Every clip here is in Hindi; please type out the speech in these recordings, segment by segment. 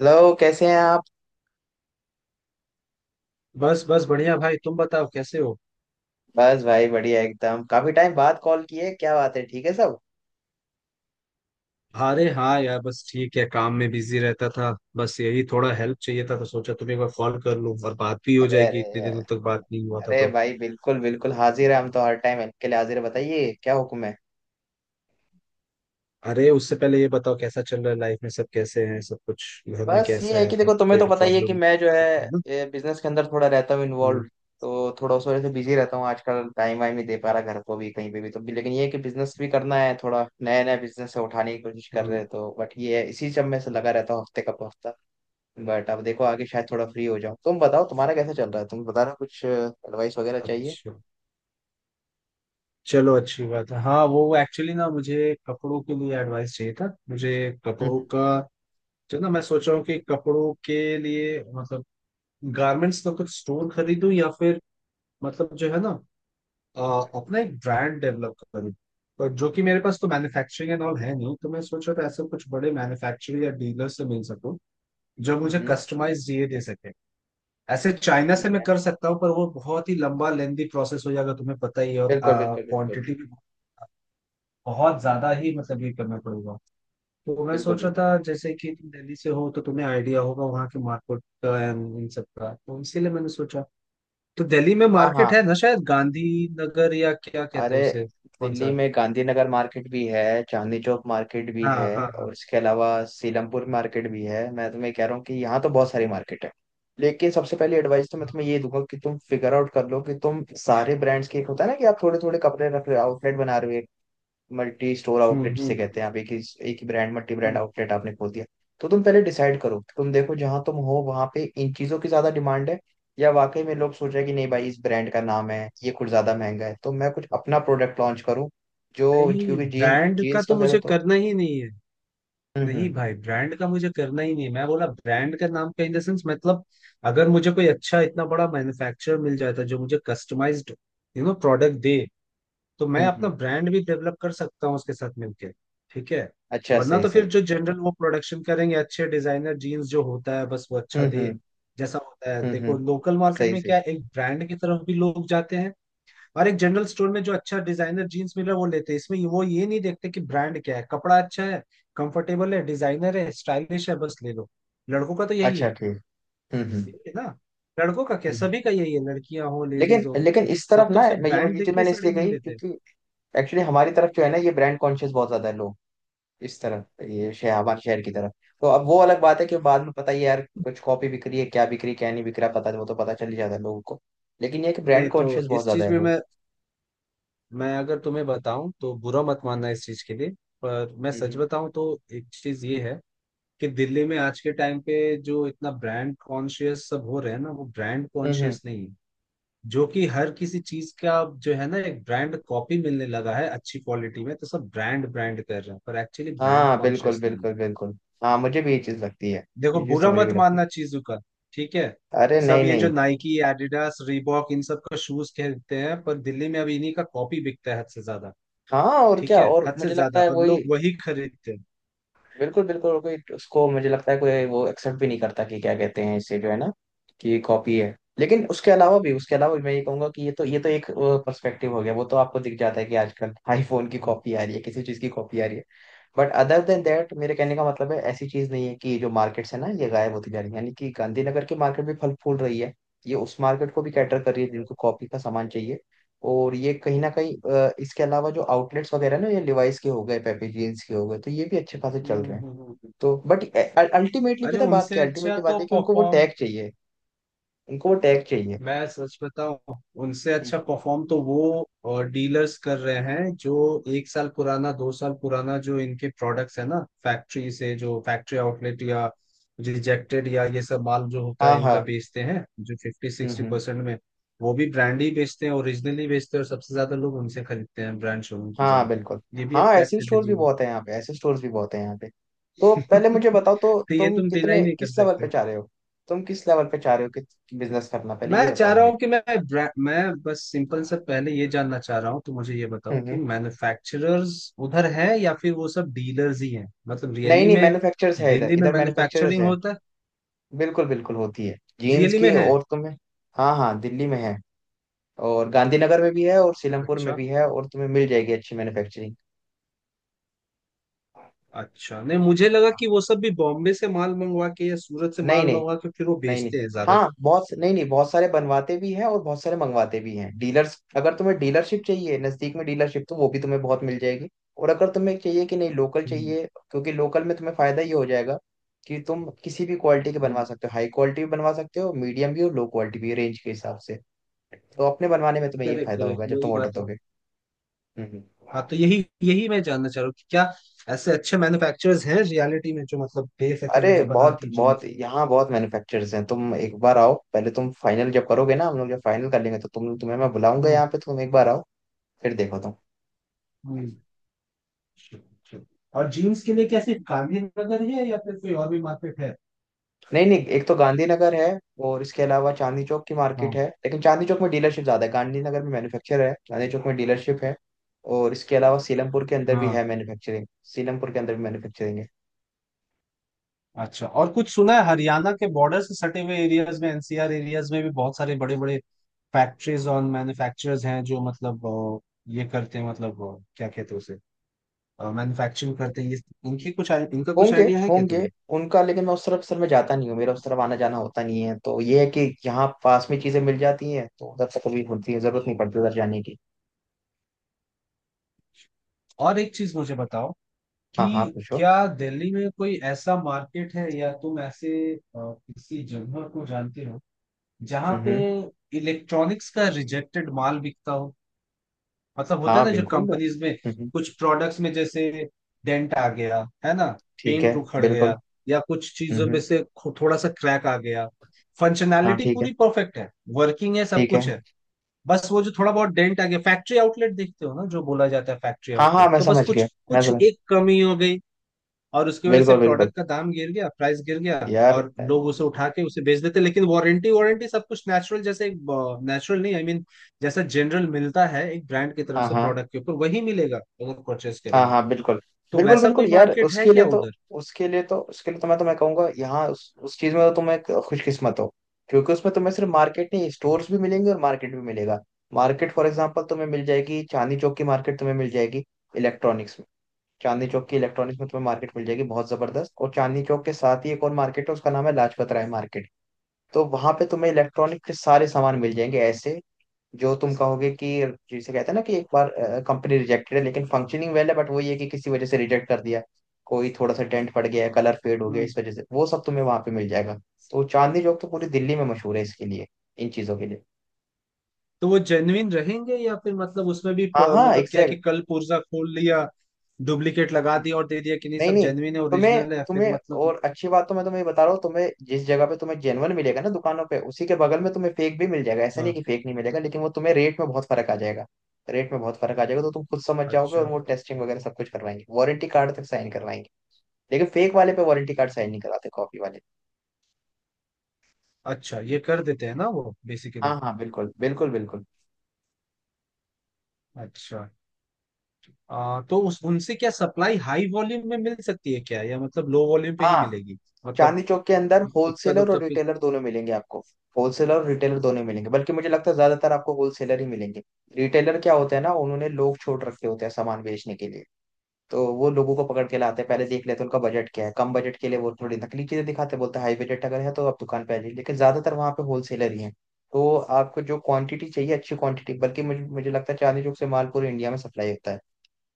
हेलो, कैसे हैं आप। बस बस बढ़िया भाई, तुम बताओ कैसे हो। बस भाई, बढ़िया एकदम। काफी टाइम बाद कॉल किए, क्या बात है? ठीक है सब? अरे हाँ यार, बस ठीक है, काम में बिजी रहता था। बस यही थोड़ा हेल्प चाहिए था तो सोचा तुम्हें एक बार कॉल कर लूँ, और बात भी हो अरे, जाएगी, इतने अरे। दिनों तक बात नहीं हुआ था अरे तो। भाई, बिल्कुल बिल्कुल हाजिर है हम तो। हर टाइम हेल्प के लिए हाजिर है। बताइए, क्या हुक्म है। अरे उससे पहले ये बताओ कैसा चल रहा है लाइफ में, सब कैसे हैं, सब कुछ घर में बस ये कैसा है है, कि देखो, तुम्हें कोई तो पता ही है कि प्रॉब्लम। मैं जो है बिजनेस के अंदर थोड़ा रहता हूँ इन्वॉल्व। हम्म, तो थोड़ा उस वजह से बिजी रहता हूँ आजकल। टाइम वाइम नहीं दे पा रहा घर को भी, कहीं पे भी तो भी, लेकिन ये है कि बिजनेस भी करना है। थोड़ा नया नया बिजनेस उठाने की कोशिश कर रहे हम्म। हैं तो, बट ये है, इसी सब में से लगा रहता हूँ हफ्ते का हफ्ता। बट अब देखो, आगे शायद थोड़ा फ्री हो जाओ। तुम बताओ, तुम्हारा कैसा चल रहा है? तुम बता रहे हो कुछ एडवाइस वगैरह चाहिए। अच्छा, चलो अच्छी बात है। हाँ वो एक्चुअली ना मुझे कपड़ों के लिए एडवाइस चाहिए था। मुझे कपड़ों हम्म, का, जो ना मैं सोच रहा हूँ कि कपड़ों के लिए मतलब गारमेंट्स का कुछ स्टोर खरीदूं, या फिर मतलब जो है ना, अ, अपना एक ब्रांड डेवलप करूं। पर जो कि मेरे पास तो मैन्युफैक्चरिंग एंड ऑल है नहीं, तो मैं सोच रहा था ऐसे कुछ बड़े मैन्युफैक्चरर या डीलर से मिल सकूं जो मुझे हम्म। कस्टमाइज ये दे सके। ऐसे चाइना से ठीक मैं है। कर सकता हूँ पर वो बहुत ही लंबा लेंदी प्रोसेस हो जाएगा, तुम्हें पता ही है, और बिल्कुल, बिल्कुल, बिल्कुल, क्वांटिटी भी बहुत ज्यादा ही मतलब ये करना पड़ेगा। तो मैं बिल्कुल, सोच रहा बिल्कुल। था जैसे कि तुम दिल्ली से हो तो तुम्हें आइडिया होगा वहाँ के मार्केट का एंड इन सब का, तो इसीलिए मैंने सोचा। तो दिल्ली में हाँ, हाँ, मार्केट है ना, शायद गांधी नगर या क्या कहते अरे। हैं उसे, कौन दिल्ली सा। में गांधीनगर मार्केट भी है, चांदनी चौक मार्केट भी हाँ है, हाँ और हाँ। इसके अलावा सीलमपुर मार्केट भी है। मैं तुम्हें कह रहा हूँ कि यहाँ तो बहुत सारी मार्केट है। लेकिन सबसे पहली एडवाइस तो मैं तुम्हें ये दूंगा कि तुम फिगर आउट कर लो कि तुम सारे ब्रांड्स के, एक होता है ना कि आप थोड़े थोड़े कपड़े रख रहे हो, आउटलेट बना रहे हो। मल्टी स्टोर हम्म आउटलेट जिसे हम्म कहते हैं, आप एक ही ब्रांड, मल्टी ब्रांड हम्म। आउटलेट आपने खोल दिया। तो तुम पहले डिसाइड करो, तुम देखो जहां तुम हो वहां पे इन चीजों की ज्यादा डिमांड है, या वाकई में लोग सोच रहे हैं कि नहीं भाई, इस ब्रांड का नाम है, ये कुछ ज्यादा महंगा है, तो मैं कुछ अपना प्रोडक्ट लॉन्च करूँ, जो। नहीं, क्योंकि जीन्स ब्रांड का जीन्स का तो कह रहे हो मुझे तो। करना ही नहीं है। हम्म, नहीं हम्म। भाई, ब्रांड का मुझे करना ही नहीं है, मैं बोला ब्रांड का नाम का इन द सेंस मतलब, अगर मुझे कोई अच्छा इतना बड़ा मैन्युफैक्चरर मिल जाता जो मुझे कस्टमाइज्ड यू नो प्रोडक्ट दे, तो मैं हम्म, अपना हम्म। ब्रांड भी डेवलप कर सकता हूँ उसके साथ मिलके। ठीक है। अच्छा, वरना सही तो सही। फिर जो जनरल वो प्रोडक्शन करेंगे अच्छे डिजाइनर जीन्स जो होता है बस वो अच्छा हम्म, दे। हम्म। जैसा होता है, हम्म, देखो हम्म। लोकल मार्केट सही में सही। क्या है, एक ब्रांड की तरफ भी लोग जाते हैं, और एक जनरल स्टोर में जो अच्छा डिजाइनर जीन्स मिल रहा है वो लेते हैं, इसमें वो ये नहीं देखते कि ब्रांड क्या है। कपड़ा अच्छा है, कंफर्टेबल है, डिजाइनर है, स्टाइलिश है, बस ले लो। लड़कों का तो यही अच्छा, है। ठीक। हम्म, हम्म। यही है ना। लड़कों का क्या, हम्म। सभी का यही है, लड़कियां हो, लेकिन लेडीज हो। लेकिन इस तरफ सब ना, तो सिर्फ मैं ये ब्रांड ये देख चीज के मैंने इसलिए साड़ी नहीं कही लेते। क्योंकि एक्चुअली हमारी तरफ जो है ना, ये ब्रांड कॉन्शियस बहुत ज्यादा है लोग। इस तरफ, ये शहर, हमारे शहर की तरफ। तो अब वो अलग बात है कि बाद में पता ही है यार, कुछ कॉपी बिक रही है, क्या बिक रही है, क्या नहीं बिक रहा पता, वो तो पता चल ही जाता है लोगों को। लेकिन ये है कि ब्रांड नहीं तो कॉन्शियस बहुत इस ज्यादा चीज है में लोग। मैं अगर तुम्हें बताऊं तो बुरा मत मानना हम्म, इस चीज के लिए, पर मैं सच हम्म। बताऊं तो एक चीज ये है कि दिल्ली में आज के टाइम पे जो इतना ब्रांड कॉन्शियस सब हो रहे हैं ना वो ब्रांड हम्म, हम्म। कॉन्शियस नहीं है। जो कि हर किसी चीज का जो है ना एक ब्रांड कॉपी मिलने लगा है अच्छी क्वालिटी में, तो सब ब्रांड ब्रांड कर रहे हैं पर एक्चुअली ब्रांड हाँ, बिल्कुल कॉन्शियस नहीं है। बिल्कुल बिल्कुल। हाँ, मुझे भी ये चीज लगती है। देखो ये चीज तो बुरा मुझे भी मत लगती मानना चीजों का। ठीक है। है। अरे, सब नहीं ये नहीं। जो नाइकी एडिडास रीबॉक इन सब का शूज खरीदते हैं, पर दिल्ली में अब इन्हीं का कॉपी बिकता है हद से ज्यादा। हाँ, और ठीक क्या, है और हद से मुझे लगता ज्यादा, है और वही। लोग वही खरीदते हैं। बिल्कुल बिल्कुल, और कोई उसको, मुझे लगता है कोई वो एक्सेप्ट भी नहीं करता कि क्या कहते हैं इसे जो है ना, कि कॉपी है। लेकिन उसके अलावा भी, उसके अलावा भी मैं ये कहूंगा कि ये तो एक पर्सपेक्टिव हो गया। वो तो आपको दिख जाता है कि आजकल आईफोन की हम्म। कॉपी आ रही है, किसी चीज की कॉपी आ रही है। बट अदर देन दैट, मेरे कहने का मतलब है ऐसी चीज नहीं है कि जो मार्केट्स है ना, ये गायब होती जा रही है। यानी कि गांधीनगर की मार्केट भी फल फूल रही है, ये उस मार्केट को भी कैटर कर रही है जिनको कॉपी का सामान चाहिए। और ये कहीं ना कहीं, इसके अलावा जो आउटलेट्स वगैरह ना, ये लिवाइस के हो गए, पेपी जीन्स के हो गए, तो ये भी अच्छे खासे चल हम्म, रहे हैं। हम्म, हम्म। तो बट अल्टीमेटली अरे पता है बात उनसे क्या, अच्छा अल्टीमेटली तो बात है कि उनको वो परफॉर्म, टैग चाहिए। उनको वो टैग चाहिए। मैं सच बताऊं, उनसे हम्म। अच्छा परफॉर्म तो वो डीलर्स कर रहे हैं जो 1 साल पुराना 2 साल पुराना जो इनके प्रोडक्ट्स है ना, फैक्ट्री से जो फैक्ट्री आउटलेट या रिजेक्टेड या ये सब माल जो होता हाँ, है इनका हाँ। बेचते हैं जो फिफ्टी हम्म, सिक्सटी हम्म। परसेंट में। वो भी ब्रांड ही बेचते हैं, ओरिजिनली बेचते हैं, और सबसे ज्यादा लोग उनसे खरीदते हैं ब्रांड शोरूम की हाँ, जगह। बिल्कुल। ये भी एक हाँ, ऐसे फैक्ट है स्टोर्स भी दिल्ली। बहुत है यहाँ पे, ऐसे स्टोर्स भी बहुत है यहाँ पे। तो पहले मुझे बताओ तो, तो ये तुम तुम डिनाई कितने, नहीं कर किस लेवल पे सकते। चाह रहे हो? तुम किस लेवल पे चाह रहे हो कि बिजनेस करना, पहले मैं ये चाह बताओ रहा मुझे। हूँ कि मैं मैं बस सिंपल सा पहले ये जानना चाह रहा हूँ, तो मुझे ये हम्म, बताओ कि मैन्युफैक्चरर्स उधर है या फिर वो सब डीलर्स ही हैं मतलब नहीं रियली नहीं, में। मैन्युफैक्चरर्स है इधर, दिल्ली में इधर मैन्युफैक्चरर्स मैन्युफैक्चरिंग है। होता है, बिल्कुल बिल्कुल होती है जीन्स रियली की, में है। और तुम्हें। हाँ, हाँ, दिल्ली में है। और गांधीनगर में भी है और सीलमपुर में अच्छा। भी है, और तुम्हें मिल जाएगी अच्छी मैन्युफैक्चरिंग। अच्छा नहीं, मुझे लगा कि वो सब भी बॉम्बे से माल मंगवा के या सूरत से नहीं माल नहीं। मंगवा के फिर वो नहीं नहीं। बेचते हैं ज्यादा। हाँ, बहुत नहीं नहीं, बहुत सारे बनवाते भी हैं और बहुत सारे मंगवाते भी हैं डीलर्स। अगर तुम्हें डीलरशिप चाहिए, नजदीक में डीलरशिप, तो वो भी तुम्हें बहुत मिल जाएगी। और अगर तुम्हें चाहिए कि नहीं, लोकल हम्म। चाहिए, क्योंकि लोकल में तुम्हें फायदा ये हो जाएगा कि तुम किसी भी क्वालिटी के बनवा सकते हो, हाई क्वालिटी भी बनवा सकते हो, मीडियम भी और लो क्वालिटी भी, रेंज के हिसाब से। तो अपने बनवाने में तुम्हें ये करेक्ट फायदा करेक्ट, होगा जब तुम वही ऑर्डर बात है। दोगे। हम्म, हाँ तो यही यही मैं जानना चाह रहा हूँ कि क्या ऐसे अच्छे मैन्युफैक्चरर्स हैं रियलिटी में जो मतलब दे सके अरे, मुझे बना बहुत के बहुत जीन्स। यहाँ बहुत मैन्युफैक्चरर्स हैं। तुम एक बार आओ, पहले तुम फाइनल जब करोगे ना, हम लोग जब फाइनल कर लेंगे तो तुम्हें मैं बुलाऊंगा हम्म। यहाँ पे, तुम एक बार आओ। फिर देखो तुम। हम्म, sure, sure. और जीन्स के लिए कैसे, गांधीनगर है या फिर कोई और भी मार्केट है। नहीं नहीं, एक तो गांधीनगर है। और इसके अलावा चांदनी चौक की मार्केट हाँ है, लेकिन चांदनी चौक में डीलरशिप ज्यादा है। गांधीनगर में मैन्युफैक्चर है, चांदनी चौक में डीलरशिप है। और इसके अलावा सीलमपुर के अंदर भी हाँ। है मैन्युफैक्चरिंग। सीलमपुर के अंदर भी मैन्युफैक्चरिंग है। अच्छा और कुछ सुना है हरियाणा के बॉर्डर से सटे हुए एरियाज में एनसीआर एरियाज में भी बहुत सारे बड़े बड़े फैक्ट्रीज और मैन्युफैक्चरर्स हैं जो मतलब ये करते हैं, मतलब क्या कहते हैं उसे, मैन्युफैक्चरिंग करते हैं ये। इनकी कुछ इनका कुछ होंगे आइडिया है क्या होंगे तुम्हें। उनका, लेकिन मैं उस तरफ, सर मैं जाता नहीं हूँ। मेरा उस तरफ आना जाना होता नहीं है, तो ये है कि यहाँ पास में चीजें मिल जाती हैं तो उधर तक कभी होती है, जरूरत नहीं पड़ती उधर जाने की। और एक चीज मुझे बताओ हाँ, कि हाँ, पूछो। क्या दिल्ली में कोई ऐसा मार्केट है या तुम ऐसे अ, किसी जगह को जानते हो जहाँ पे हम्म। इलेक्ट्रॉनिक्स का रिजेक्टेड माल बिकता हो। मतलब होता हाँ, है ना जो बिल्कुल। कंपनीज में हम्म। कुछ प्रोडक्ट्स में जैसे डेंट आ गया है ना, ठीक है, पेंट उखड़ बिल्कुल। गया, या कुछ चीजों में हम्म। से थोड़ा सा क्रैक आ गया, हाँ, फंक्शनैलिटी ठीक है। पूरी परफेक्ट है, वर्किंग है, सब ठीक है। कुछ है, बस वो जो थोड़ा बहुत डेंट आ गया। फैक्ट्री आउटलेट देखते हो ना जो बोला जाता है फैक्ट्री हाँ, हाँ, आउटलेट, मैं तो बस समझ कुछ गया, मैं कुछ समझ। एक कमी हो गई और उसकी वजह से बिल्कुल बिल्कुल प्रोडक्ट का दाम गिर गया, प्राइस गिर गया, यार। और लोग उसे उठा के उसे बेच देते। लेकिन वारंटी, वारंटी सब कुछ नेचुरल, जैसे नेचुरल नहीं आई, I मीन mean, जैसा जनरल मिलता है एक ब्रांड की तरफ हाँ, से हाँ। प्रोडक्ट के ऊपर, वही मिलेगा अगर परचेस हाँ, करेंगे हाँ, तो। बिल्कुल तो बिल्कुल वैसा कोई बिल्कुल यार, मार्केट है उसके लिए क्या तो, उधर। उसके लिए तो, उसके लिए तो मैं, तो मैं कहूंगा यहाँ, उस चीज में तो तुम एक खुशकिस्मत हो। क्योंकि उसमें तुम्हें सिर्फ मार्केट नहीं, स्टोर्स भी मिलेंगे और मार्केट भी मिलेगा। मार्केट फॉर एग्जांपल तुम्हें मिल जाएगी, चांदनी चौक की मार्केट तुम्हें मिल जाएगी इलेक्ट्रॉनिक्स में। चांदनी चौक की इलेक्ट्रॉनिक्स में तुम्हें मार्केट मिल जाएगी बहुत जबरदस्त। और चांदनी चौक के साथ ही एक और मार्केट है, उसका नाम है लाजपत राय मार्केट। तो वहां पे तुम्हें इलेक्ट्रॉनिक के सारे सामान मिल जाएंगे ऐसे, जो तुम कहोगे कि, जिसे कहते हैं ना, कि एक बार कंपनी रिजेक्टेड है लेकिन फंक्शनिंग वेल है, बट वो ये कि किसी वजह से रिजेक्ट कर दिया। कोई थोड़ा सा डेंट पड़ गया है, कलर फेड हो गया, हम्म। इस वजह से वो सब तुम्हें वहां पे मिल जाएगा। तो चांदनी चौक तो पूरी दिल्ली में मशहूर है इसके लिए, इन चीजों के लिए। तो वो जेन्युइन रहेंगे या फिर मतलब उसमें भी हाँ, हाँ, मतलब क्या है कि एग्जैक्ट। कल पुर्जा खोल लिया डुप्लीकेट लगा दिया और दे दिया, कि नहीं नहीं सब नहीं, जेन्युइन है, तुम्हें ओरिजिनल है, फिर तुम्हें मतलब। और अच्छी बात तो मैं तुम्हें ये बता रहा हूँ, तुम्हें जिस जगह पे तुम्हें जेनवन मिलेगा ना दुकानों पे, उसी के बगल में तुम्हें फेक भी मिल जाएगा। ऐसा नहीं है हाँ। कि फेक नहीं मिलेगा, लेकिन वो तुम्हें रेट में बहुत फर्क आ जाएगा। रेट में बहुत फर्क आ जाएगा, तो तुम खुद समझ जाओगे। अच्छा। और वो टेस्टिंग वगैरह सब कुछ करवाएंगे, वारंटी कार्ड तक साइन करवाएंगे। लेकिन फेक वाले पे वारंटी कार्ड साइन नहीं कराते, कॉपी वाले। अच्छा ये कर देते हैं ना वो बेसिकली। हाँ, हाँ, बिल्कुल बिल्कुल बिल्कुल। अच्छा। तो उस उनसे क्या सप्लाई हाई वॉल्यूम में मिल सकती है क्या, या मतलब लो वॉल्यूम पे ही हाँ, मिलेगी, मतलब चांदनी चौक के अंदर इक्का होलसेलर दुक्का और पे। रिटेलर दोनों मिलेंगे आपको। होलसेलर और रिटेलर दोनों मिलेंगे, बल्कि मुझे लगता है ज्यादातर आपको होलसेलर ही मिलेंगे। रिटेलर क्या होता है ना, उन्होंने लोग छोड़ रखे होते हैं सामान बेचने के लिए। तो वो लोगों को पकड़ के लाते हैं, पहले देख लेते हैं उनका बजट क्या है। कम बजट के लिए वो थोड़ी नकली चीजें दिखाते हैं, बोलते हैं हाई बजट अगर है तो आप दुकान पे आ जाइए, लेकिन ज्यादातर वहाँ पे होलसेलर ही हैं। तो आपको जो क्वांटिटी चाहिए, अच्छी क्वांटिटी, बल्कि मुझे मुझे लगता है चांदनी चौक से माल पूरे इंडिया में सप्लाई होता है।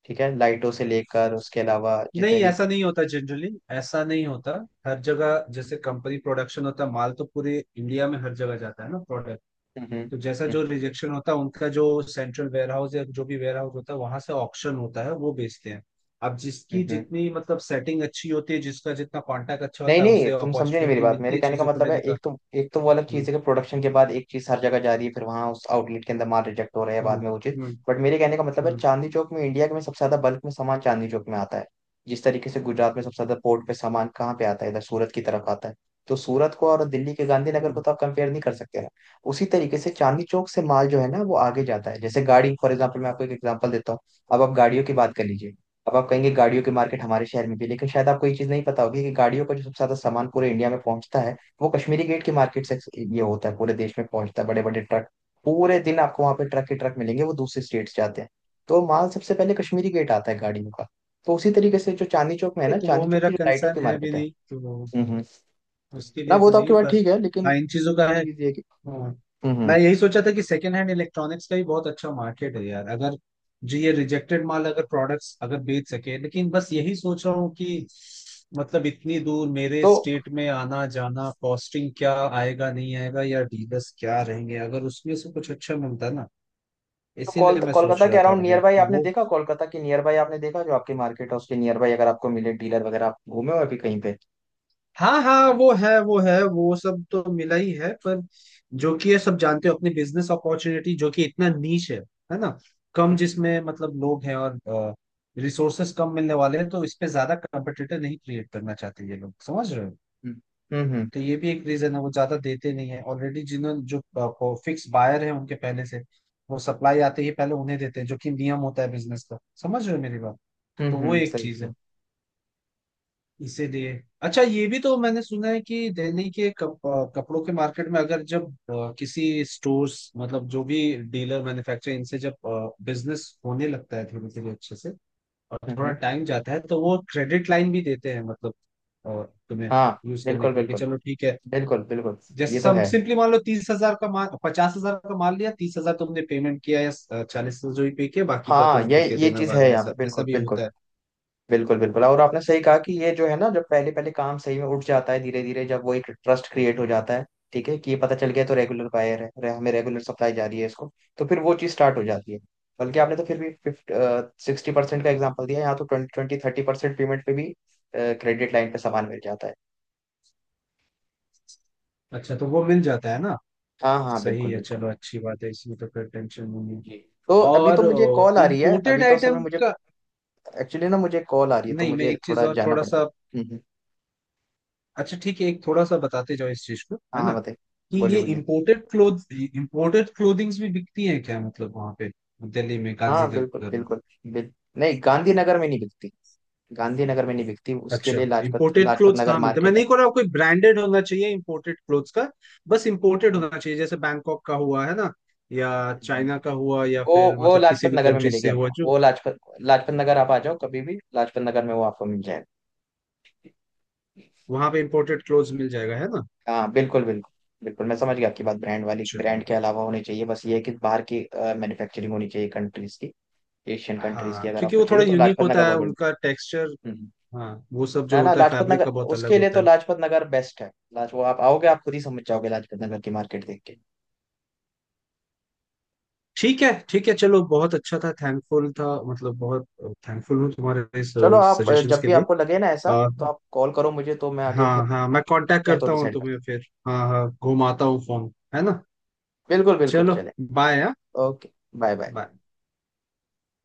ठीक है, लाइटों से लेकर उसके अलावा जितने नहीं भी। ऐसा नहीं होता जनरली, ऐसा नहीं होता। हर जगह जैसे कंपनी प्रोडक्शन होता है माल तो पूरे इंडिया में हर जगह जाता है ना प्रोडक्ट। हम्म, हम्म। तो जैसा जो हम्म, रिजेक्शन होता है उनका जो सेंट्रल वेयर हाउस या जो भी वेयर हाउस होता है, वहां से ऑक्शन होता है, वो बेचते हैं। अब हम्म। जिसकी हम्म। जितनी मतलब सेटिंग अच्छी होती है, जिसका जितना कॉन्टैक्ट अच्छा नहीं होता है, नहीं, उसे तुम समझो नहीं मेरी अपॉर्चुनिटी बात, मिलती मेरे है कहने का चीजों को मतलब है, लेने का। एक तो वो अलग हम्म, चीज़ है कि प्रोडक्शन के बाद एक चीज़ हर जगह जा रही है, फिर वहां उस आउटलेट के अंदर माल रिजेक्ट हो रहा है, हम्म, बाद में वो चीज़। हम्म, बट मेरे कहने का मतलब है, हम्म, चांदनी चौक में, इंडिया में सबसे ज्यादा बल्क में सामान चांदनी चौक में आता है। जिस तरीके से गुजरात में सबसे ज्यादा पोर्ट पे सामान कहाँ पे आता है, इधर सूरत की तरफ आता है। तो सूरत को और दिल्ली के गांधीनगर को हम्म। तो आप कंपेयर नहीं कर सकते ना। उसी तरीके से चांदनी चौक से माल जो है ना, वो आगे जाता है। जैसे गाड़ी, फॉर एग्जाम्पल, मैं आपको एक एग्जाम्पल देता हूँ। अब आप गाड़ियों की बात कर लीजिए। अब आप कहेंगे, गाड़ियों की मार्केट हमारे शहर में भी है, लेकिन शायद आपको ये चीज नहीं पता होगी कि गाड़ियों का जो सबसे ज्यादा सामान पूरे इंडिया में पहुंचता है, वो कश्मीरी गेट की मार्केट से। ये होता है, पूरे देश में पहुंचता है, बड़े बड़े ट्रक। पूरे दिन आपको वहां पे ट्रक ही ट्रक मिलेंगे, वो दूसरे स्टेट से आते हैं। तो माल सबसे पहले कश्मीरी गेट आता है गाड़ियों का। तो उसी तरीके से जो चांदनी चौक में है नहीं, ना, तो वो चांदनी चौक मेरा की जो लाइटों की कंसर्न है भी मार्केट है। नहीं तो वो, हम्म, उसके ना लिए वो तो तो आपकी नहीं, बात पर ठीक है, लेकिन हाँ इन चीजों का है। चीज ये है कि। हाँ हम्म, मैं यही सोचा था कि सेकेंड हैंड इलेक्ट्रॉनिक्स का ही बहुत अच्छा मार्केट है यार, अगर जो ये रिजेक्टेड माल अगर प्रोडक्ट्स अगर बेच सके, लेकिन बस यही सोच रहा हूँ कि मतलब इतनी दूर मेरे तो स्टेट में आना जाना कॉस्टिंग क्या आएगा नहीं आएगा, या डीलर्स क्या रहेंगे, अगर उसमें से कुछ अच्छा मिलता ना, तो इसीलिए मैं सोच कोलकाता के रहा था अराउंड अभी नियर बाई कि आपने वो। देखा, कोलकाता के नियर बाई आपने देखा, जो आपकी मार्केट है उसके नियर बाई अगर आपको मिले डीलर वगैरह, आप घूमे हो अभी कहीं पे। हाँ हाँ, वो है, वो है, वो सब तो मिला ही है, पर जो कि ये सब जानते हो अपनी बिजनेस अपॉर्चुनिटी जो कि इतना नीच है ना, कम जिसमें मतलब लोग हैं, और रिसोर्सेस कम मिलने वाले हैं, तो इस पे ज्यादा कंपटीटर नहीं क्रिएट करना चाहते ये लोग, समझ रहे हो। हम्म, हम्म। तो ये भी एक रीजन है, वो ज्यादा देते नहीं है, ऑलरेडी जिन्होंने जो फिक्स बायर है उनके पहले से, वो सप्लाई आते ही पहले उन्हें देते हैं, जो कि नियम होता है बिजनेस का, समझ रहे हो मेरी बात। हम्म, तो वो हम्म। एक सही चीज है। सही। इसीलिए अच्छा ये भी तो मैंने सुना है कि दिल्ली के कपड़ों के मार्केट में अगर जब किसी स्टोर्स मतलब जो भी डीलर मैन्युफैक्चरर इनसे जब बिजनेस होने लगता है धीरे धीरे अच्छे से, और हम्म, थोड़ा हम्म। टाइम जाता है, तो वो क्रेडिट लाइन भी देते हैं मतलब अ, तुम्हें हाँ, यूज करने बिल्कुल के लिए कि बिल्कुल चलो ठीक है। बिल्कुल बिल्कुल। जैसे ये तो सब है। सिंपली मान लो 30,000 का माल, 50,000 का माल लिया, 30,000 तुमने पेमेंट किया या 40,000 जो भी पे किया, बाकी का हाँ, तुम ये ठीक है ये देना चीज बाद है में, यहाँ ऐसा पे, ऐसा बिल्कुल भी बिल्कुल होता है। बिल्कुल बिल्कुल। और आपने सही कहा कि ये जो है ना, जब पहले पहले काम सही में उठ जाता है, धीरे धीरे जब वो एक ट्रस्ट क्रिएट हो जाता है, ठीक है, कि ये पता चल गया, तो रेगुलर बायर है, हमें रेगुलर सप्लाई जा रही है इसको, तो फिर वो चीज स्टार्ट हो जाती है। बल्कि आपने तो फिर भी फिफ्ट 60% का एग्जाम्पल दिया, यहाँ तो ट्वेंटी, 20-30% पेमेंट पे भी क्रेडिट लाइन पे सामान मिल जाता है। अच्छा तो वो मिल जाता है ना। हाँ, हाँ, सही बिल्कुल है, बिल्कुल। चलो अच्छी बात है, इसमें तो फिर टेंशन नहीं है। जी। तो अभी तो मुझे कॉल और आ रही है, अभी इंपोर्टेड तो असल में आइटम मुझे, का, एक्चुअली ना मुझे कॉल आ रही है तो नहीं मैं मुझे एक चीज थोड़ा और जाना थोड़ा पड़ता सा, है। अच्छा ठीक है एक थोड़ा सा बताते जाओ इस चीज को हाँ, है हाँ, ना, बताइए। कि बोलिए, ये बोलिए। इम्पोर्टेड क्लोथ इम्पोर्टेड क्लोथिंग्स भी बिकती हैं क्या मतलब वहां पे दिल्ली में हाँ, गांधीनगर बिल्कुल में। बिल्कुल। बिल नहीं, गांधीनगर में नहीं बिकती। गांधीनगर में नहीं बिकती, उसके अच्छा लिए लाजपत इम्पोर्टेड लाजपत क्लोथ्स नगर कहाँ मिलते हैं, मैं मार्केट है। नहीं कह रहा आपको एक ब्रांडेड होना चाहिए इम्पोर्टेड क्लोथ्स का, बस इम्पोर्टेड होना चाहिए, जैसे बैंकॉक का हुआ है ना, या हम्म। चाइना का हुआ या वो फिर वो मतलब किसी लाजपत भी नगर में कंट्री मिलेगी से हुआ आपको। जो। वो लाजपत लाजपत नगर आप आ जाओ कभी भी, लाजपत नगर में वो आपको मिल जाएगा। वहां पे इम्पोर्टेड क्लोथ्स मिल जाएगा है ना। हाँ, बिल्कुल बिल्कुल बिल्कुल, मैं समझ गया आपकी बात। ब्रांड वाली, चलो। ब्रांड के अलावा होनी चाहिए, बस ये है कि बाहर की मैन्युफैक्चरिंग होनी चाहिए, कंट्रीज की। एशियन कंट्रीज की हाँ अगर क्योंकि आपको वो चाहिए थोड़ा तो यूनिक लाजपत नगर होता है बहुत उनका बढ़िया। टेक्सचर। हम्म। हाँ वो सब ना जो ना, होता है लाजपत फैब्रिक नगर, का बहुत अलग उसके लिए होता तो है। लाजपत नगर बेस्ट है। लाज वो आप आओगे, आप खुद ही समझ जाओगे लाजपत नगर की मार्केट देख के। ठीक है, ठीक है, चलो बहुत अच्छा था, थैंकफुल था, मतलब बहुत थैंकफुल हूँ तुम्हारे इस चलो, आप सजेशंस जब के भी लिए। आपको लगे ना ऐसा, आ, तो आप कॉल करो मुझे, तो मैं आगे फिर हाँ हाँ मैं कांटेक्ट मिलते हैं तो करता हूँ डिसाइड करते तुम्हें फिर, हाँ हाँ घुमाता हूँ फोन है ना। हैं। बिल्कुल बिल्कुल, चलो, चले। बाय हाँ। ओके। Bye, bye. बाय।